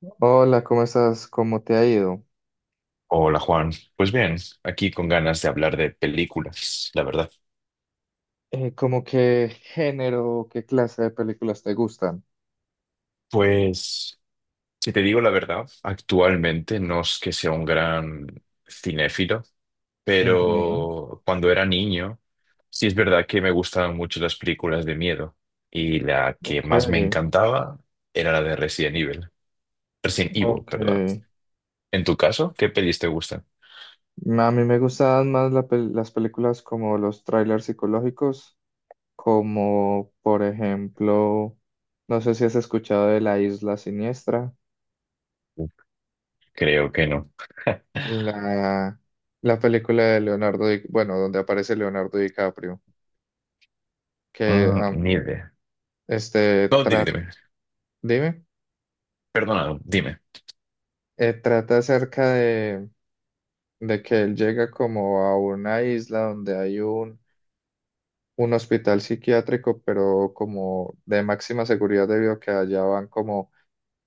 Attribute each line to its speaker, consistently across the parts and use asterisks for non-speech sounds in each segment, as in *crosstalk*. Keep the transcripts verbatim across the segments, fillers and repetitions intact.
Speaker 1: Hola, ¿cómo estás? ¿Cómo te ha ido?
Speaker 2: Hola Juan, pues bien, aquí con ganas de hablar de películas, la verdad.
Speaker 1: Eh, ¿cómo qué género, qué clase de películas te gustan?
Speaker 2: Pues, si te digo la verdad, actualmente no es que sea un gran cinéfilo,
Speaker 1: Ujú.
Speaker 2: pero cuando era niño, sí es verdad que me gustaban mucho las películas de miedo y la que
Speaker 1: Ok,
Speaker 2: más me encantaba era la de Resident Evil. Resident Evil,
Speaker 1: ok.
Speaker 2: perdón. En tu caso, ¿qué pelis te gustan?
Speaker 1: A mí me gustan más la pel- las películas como los trailers psicológicos, como por ejemplo, no sé si has escuchado de La Isla Siniestra,
Speaker 2: Creo que no.
Speaker 1: la, la película de Leonardo, Di- bueno, donde aparece Leonardo DiCaprio, que
Speaker 2: Mm,
Speaker 1: am,
Speaker 2: ni idea.
Speaker 1: este,
Speaker 2: No, dime,
Speaker 1: tra-
Speaker 2: dime.
Speaker 1: dime,
Speaker 2: Perdona, dime.
Speaker 1: eh, trata acerca de de que él llega como a una isla donde hay un, un hospital psiquiátrico, pero como de máxima seguridad debido a que allá van como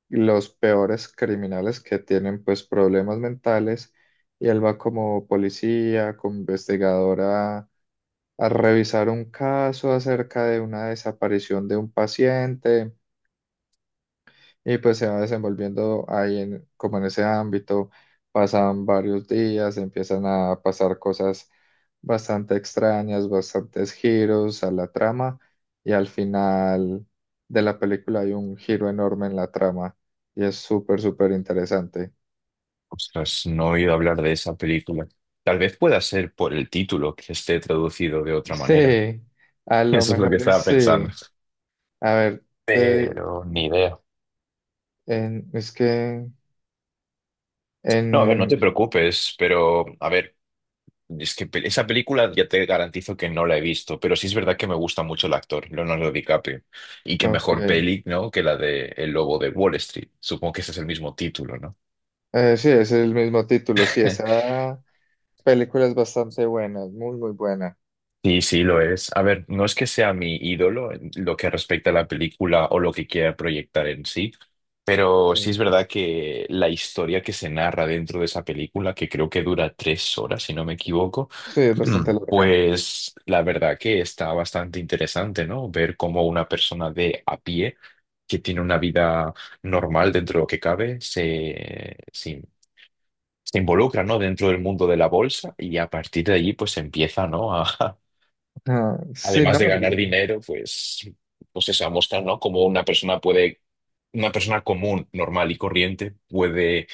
Speaker 1: los peores criminales que tienen pues problemas mentales y él va como policía, como investigadora a a revisar un caso acerca de una desaparición de un paciente y pues se va desenvolviendo ahí en, como en ese ámbito, pasan varios días, empiezan a pasar cosas bastante extrañas, bastantes giros a la trama y al final de la película hay un giro enorme en la trama y es súper, súper interesante.
Speaker 2: Ostras, no he oído hablar de esa película. Tal vez pueda ser por el título que esté traducido de otra manera.
Speaker 1: Sí, a
Speaker 2: *laughs*
Speaker 1: lo
Speaker 2: Eso es lo que
Speaker 1: mejor es
Speaker 2: estaba pensando.
Speaker 1: sí. A ver, te-
Speaker 2: Pero ni idea.
Speaker 1: en- es que
Speaker 2: No, a ver, no te
Speaker 1: en...
Speaker 2: preocupes, pero a ver, es que pe- esa película ya te garantizo que no la he visto, pero sí es verdad que me gusta mucho el actor, Leonardo DiCaprio. Y qué
Speaker 1: Ok.
Speaker 2: mejor peli, ¿no? Que la de El Lobo de Wall Street. Supongo que ese es el mismo título, ¿no?
Speaker 1: Eh, sí, es el mismo título, sí, esa... película es bastante buena muy, muy buena.
Speaker 2: Sí, sí, lo es. A ver, no es que sea mi ídolo en lo que respecta a la película o lo que quiera proyectar en sí, pero sí es
Speaker 1: Sí,
Speaker 2: verdad que la historia que se narra dentro de esa película, que creo que dura tres horas, si no me equivoco,
Speaker 1: sí, es bastante
Speaker 2: *clears throat*
Speaker 1: larga.
Speaker 2: pues la verdad que está bastante interesante, ¿no? Ver cómo una persona de a pie, que tiene una vida normal dentro de lo que cabe, se, se, se involucra, ¿no? Dentro del mundo de la bolsa y a partir de allí, pues empieza, ¿no? A, *laughs*
Speaker 1: Ah, sí,
Speaker 2: además de
Speaker 1: ¿no?
Speaker 2: ganar
Speaker 1: Y,
Speaker 2: dinero, pues, pues eso, a mostrar, ¿no? Cómo una persona puede, una persona común, normal y corriente puede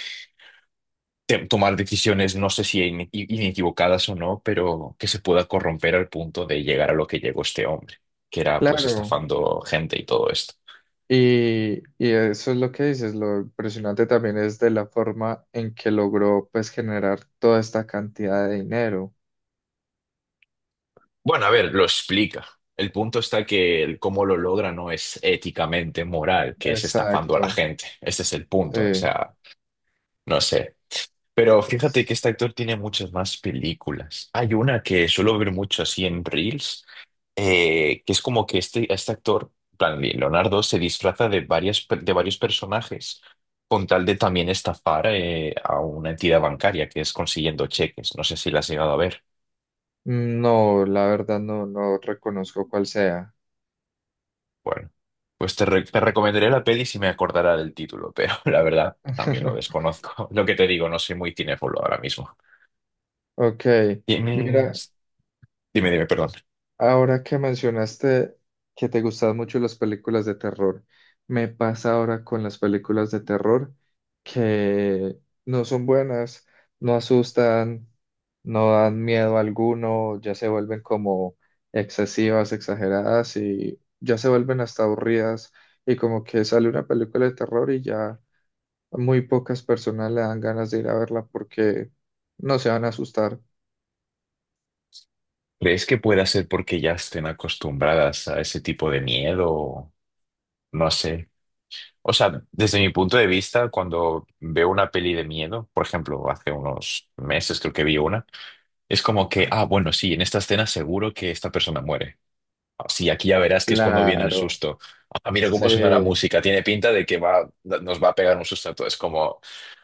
Speaker 2: te- tomar decisiones, no sé si in- inequivocadas o no, pero que se pueda corromper al punto de llegar a lo que llegó este hombre, que era pues
Speaker 1: claro.
Speaker 2: estafando gente y todo esto.
Speaker 1: Y, y eso es lo que dices. Lo impresionante también es de la forma en que logró, pues, generar toda esta cantidad de dinero.
Speaker 2: Bueno, a ver, lo explica. El punto está que el cómo lo logra no es éticamente moral, que es estafando a la
Speaker 1: Exacto.
Speaker 2: gente. Ese es el punto. O
Speaker 1: Sí.
Speaker 2: sea, no sé. Pero fíjate que este actor tiene muchas más películas. Hay una que suelo ver mucho así en Reels, eh, que es como que este, este actor, en plan Leonardo, se disfraza de varias, per- de varios personajes con tal de también estafar eh, a una entidad bancaria, que es consiguiendo cheques. No sé si la has llegado a ver.
Speaker 1: No, la verdad no, no reconozco cuál sea.
Speaker 2: Bueno, pues te, re- te recomendaré la peli si me acordara del título, pero *laughs* la verdad también lo
Speaker 1: *laughs*
Speaker 2: desconozco. *laughs* Lo que te digo, no soy muy cinéfilo ahora mismo.
Speaker 1: Ok, mira.
Speaker 2: Tienes... Dime, dime, perdón.
Speaker 1: Ahora que mencionaste que te gustan mucho las películas de terror, me pasa ahora con las películas de terror que no son buenas, no asustan, no dan miedo alguno, ya se vuelven como excesivas, exageradas y ya se vuelven hasta aburridas y como que sale una película de terror y ya muy pocas personas le dan ganas de ir a verla porque no se van a asustar.
Speaker 2: ¿Crees que pueda ser porque ya estén acostumbradas a ese tipo de miedo? No sé. O sea, desde mi punto de vista, cuando veo una peli de miedo, por ejemplo, hace unos meses creo que vi una, es como que, ah, bueno, sí, en esta escena seguro que esta persona muere. Ah, sí, aquí ya verás que es cuando viene el
Speaker 1: Claro,
Speaker 2: susto. Ah, mira cómo suena la
Speaker 1: sí.
Speaker 2: música, tiene pinta de que va, nos va a pegar un susto a todos. Es como,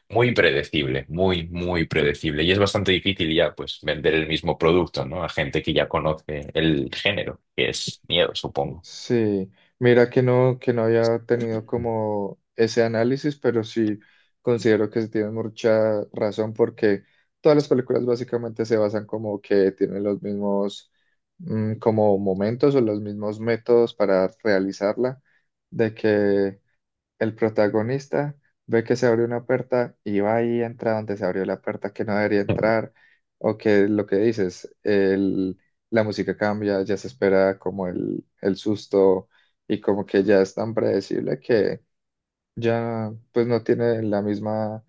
Speaker 2: muy predecible, muy, muy predecible. Y es bastante difícil ya, pues, vender el mismo producto, ¿no? A gente que ya conoce el género, que es miedo, supongo.
Speaker 1: Sí, mira que no, que no había tenido como ese análisis, pero sí considero que tiene mucha razón porque todas las películas básicamente se basan como que tienen los mismos mm, como momentos o los mismos métodos para realizarla, de que el protagonista ve que se abrió una puerta y va y entra donde se abrió la puerta que no debería entrar, o que lo que dices, el- la música cambia, ya se espera como el, el susto y como que ya es tan predecible que ya pues no tiene la misma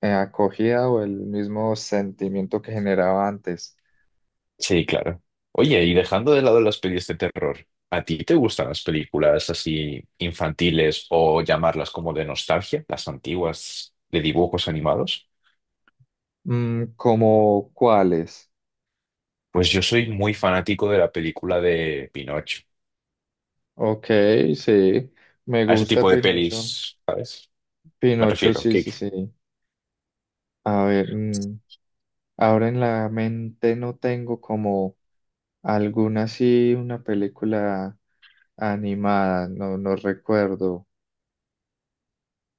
Speaker 1: eh, acogida o el mismo sentimiento que generaba antes.
Speaker 2: Sí, claro. Oye, y dejando de lado las pelis de terror, ¿a ti te gustan las películas así infantiles o llamarlas como de nostalgia, las antiguas de dibujos animados?
Speaker 1: Mm, ¿como cuáles?
Speaker 2: Pues yo soy muy fanático de la película de Pinocho.
Speaker 1: Ok, sí, me
Speaker 2: A ese
Speaker 1: gusta
Speaker 2: tipo de
Speaker 1: Pinocho.
Speaker 2: pelis, ¿sabes? Me
Speaker 1: Pinocho,
Speaker 2: refiero,
Speaker 1: sí,
Speaker 2: que...
Speaker 1: sí, sí. A ver, mm, ahora en la mente no tengo como alguna así, una película animada, no, no recuerdo.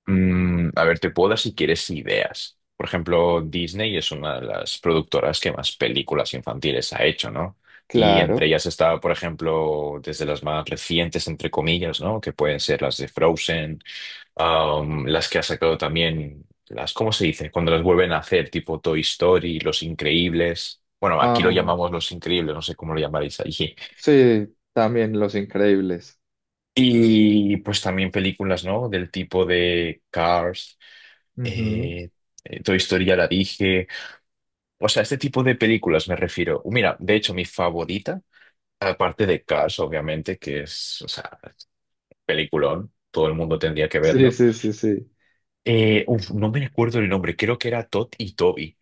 Speaker 2: Mm, a ver, te puedo dar si quieres ideas. Por ejemplo, Disney es una de las productoras que más películas infantiles ha hecho, ¿no? Y entre
Speaker 1: Claro.
Speaker 2: ellas está, por ejemplo, desde las más recientes, entre comillas, ¿no? Que pueden ser las de Frozen, um, las que ha sacado también, las, ¿cómo se dice? Cuando las vuelven a hacer, tipo Toy Story, Los Increíbles. Bueno, aquí lo
Speaker 1: Ah,
Speaker 2: llamamos Los Increíbles, no sé cómo lo llamaréis allí.
Speaker 1: sí, también Los Increíbles.
Speaker 2: Y pues también películas, ¿no? Del tipo de Cars.
Speaker 1: Ujú.
Speaker 2: Eh, eh, Toy Story ya la dije. O sea, este tipo de películas me refiero. Mira, de hecho, mi favorita, aparte de Cars, obviamente, que es, o sea, peliculón, todo el mundo tendría que
Speaker 1: Sí,
Speaker 2: verlo.
Speaker 1: sí, sí, sí.
Speaker 2: Eh, uf, no me recuerdo el nombre, creo que era Todd y Toby.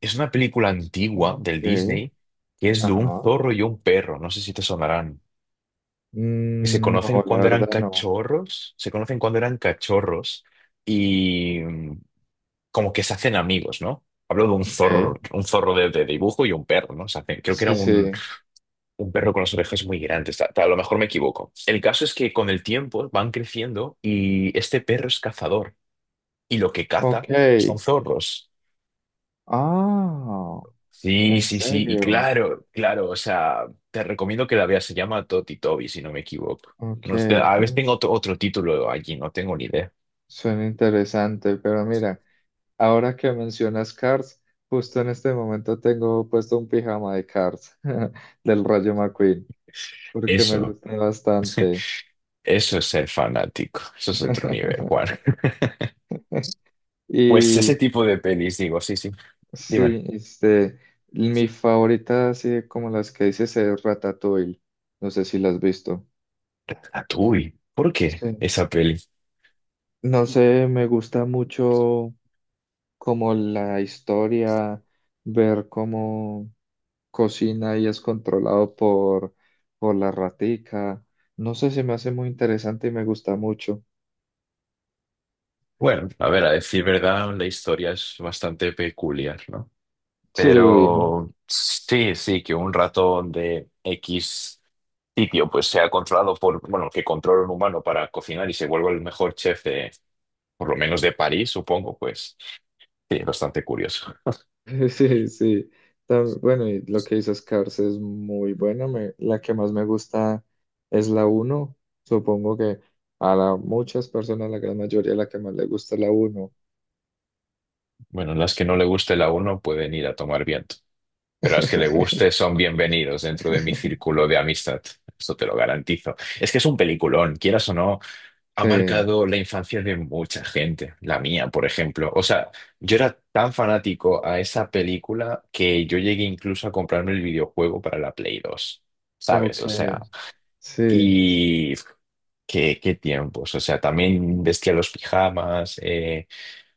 Speaker 2: Es una película antigua del
Speaker 1: Ok.
Speaker 2: Disney que es de un
Speaker 1: Ajá.
Speaker 2: zorro y un perro, no sé si te sonarán. Que se
Speaker 1: Mm,
Speaker 2: conocen
Speaker 1: no, la
Speaker 2: cuando eran
Speaker 1: verdad no.
Speaker 2: cachorros, se conocen cuando eran cachorros y mm, como que se hacen amigos, ¿no? Hablo de un
Speaker 1: Ok.
Speaker 2: zorro, un zorro de, de dibujo y un perro, ¿no? Se hacen- creo que era
Speaker 1: Sí,
Speaker 2: un,
Speaker 1: sí.
Speaker 2: un perro con las orejas muy grandes, ta- ta- a lo mejor me equivoco. El caso es que con el tiempo van creciendo y este perro es cazador y lo que
Speaker 1: Ok.
Speaker 2: caza son zorros.
Speaker 1: Ah,
Speaker 2: Sí,
Speaker 1: ¿en
Speaker 2: sí, sí, y
Speaker 1: serio?
Speaker 2: claro, claro, o sea, te recomiendo que la veas, se llama Toti Toby, si no me equivoco.
Speaker 1: Ok.
Speaker 2: No sé, a veces
Speaker 1: No,
Speaker 2: tengo
Speaker 1: su-
Speaker 2: otro, otro título allí, no tengo ni idea.
Speaker 1: Suena interesante, pero mira. Ahora que mencionas Cars, justo en este momento tengo puesto un pijama de Cars *laughs* del Rayo McQueen, porque me
Speaker 2: Eso,
Speaker 1: gusta bastante.
Speaker 2: eso es ser fanático, eso es otro nivel, Juan.
Speaker 1: *laughs*
Speaker 2: *laughs* Pues ese
Speaker 1: Y
Speaker 2: tipo de pelis, digo, sí, sí. Dime.
Speaker 1: sí, este, mi favorita, así como las que dices, es Ratatouille. No sé si las has visto.
Speaker 2: Ratatouille. ¿Por qué
Speaker 1: Sí.
Speaker 2: esa peli?
Speaker 1: No sé, me gusta mucho como la historia, ver cómo cocina y es controlado por, por la ratica. No sé, se me hace muy interesante y me gusta mucho.
Speaker 2: Bueno, a ver, a decir verdad, la historia es bastante peculiar, ¿no?
Speaker 1: Sí,
Speaker 2: Pero sí, sí, que un ratón de X sitio pues sea controlado por, bueno, que controla un humano para cocinar y se vuelva el mejor chef de, por lo menos de París, supongo, pues sí, es bastante curioso.
Speaker 1: *laughs* sí, sí. Tam- Bueno, y lo que dices, Cars es muy buena. Me- la que más me gusta es la uno. Supongo que a la- muchas personas, la gran mayoría, la que más le gusta es la uno.
Speaker 2: Bueno, las que no le guste la uno pueden ir a tomar viento. Pero las que le guste
Speaker 1: *laughs*
Speaker 2: son bienvenidos dentro de mi círculo de amistad. Eso te lo garantizo. Es que es un peliculón, quieras o no, ha
Speaker 1: Sí,
Speaker 2: marcado la infancia de mucha gente, la mía, por ejemplo. O sea, yo era tan fanático a esa película que yo llegué incluso a comprarme el videojuego para la Play dos,
Speaker 1: ok,
Speaker 2: ¿sabes? O sea,
Speaker 1: sí,
Speaker 2: y qué, qué tiempos. O sea, también vestía los pijamas, eh,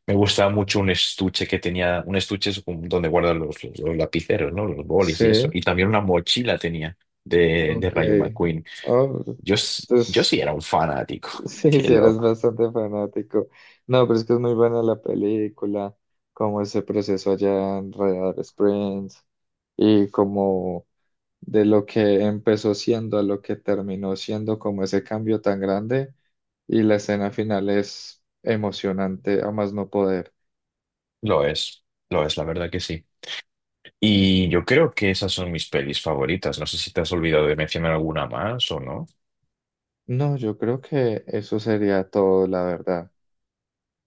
Speaker 2: me gustaba mucho un estuche que tenía, un estuche es un- donde guardan los, los los lapiceros, ¿no? Los bolis y eso. Y
Speaker 1: sí,
Speaker 2: también una mochila tenía de,
Speaker 1: ok.
Speaker 2: de Rayo McQueen.
Speaker 1: Ah, pues,
Speaker 2: Yo, s- yo sí
Speaker 1: entonces.
Speaker 2: era un fanático. *laughs*
Speaker 1: Sí,
Speaker 2: Qué
Speaker 1: sí, eras
Speaker 2: loco.
Speaker 1: bastante fanático. No, pero es que es muy buena la película, como ese proceso allá en Radar Springs y como de lo que empezó siendo a lo que terminó siendo, como ese cambio tan grande y la escena final es emocionante a más no poder.
Speaker 2: Lo es, lo es, la verdad que sí. Y yo creo que esas son mis pelis favoritas. No sé si te has olvidado de mencionar alguna más o no.
Speaker 1: No, yo creo que eso sería todo, la verdad.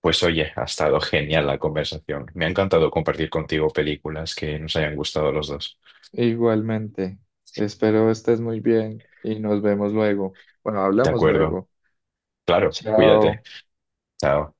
Speaker 2: Pues oye, ha estado genial la conversación. Me ha encantado compartir contigo películas que nos hayan gustado los dos.
Speaker 1: Igualmente, espero estés muy bien y nos vemos luego. Bueno,
Speaker 2: De
Speaker 1: hablamos
Speaker 2: acuerdo.
Speaker 1: luego.
Speaker 2: Claro, cuídate.
Speaker 1: Chao.
Speaker 2: Chao.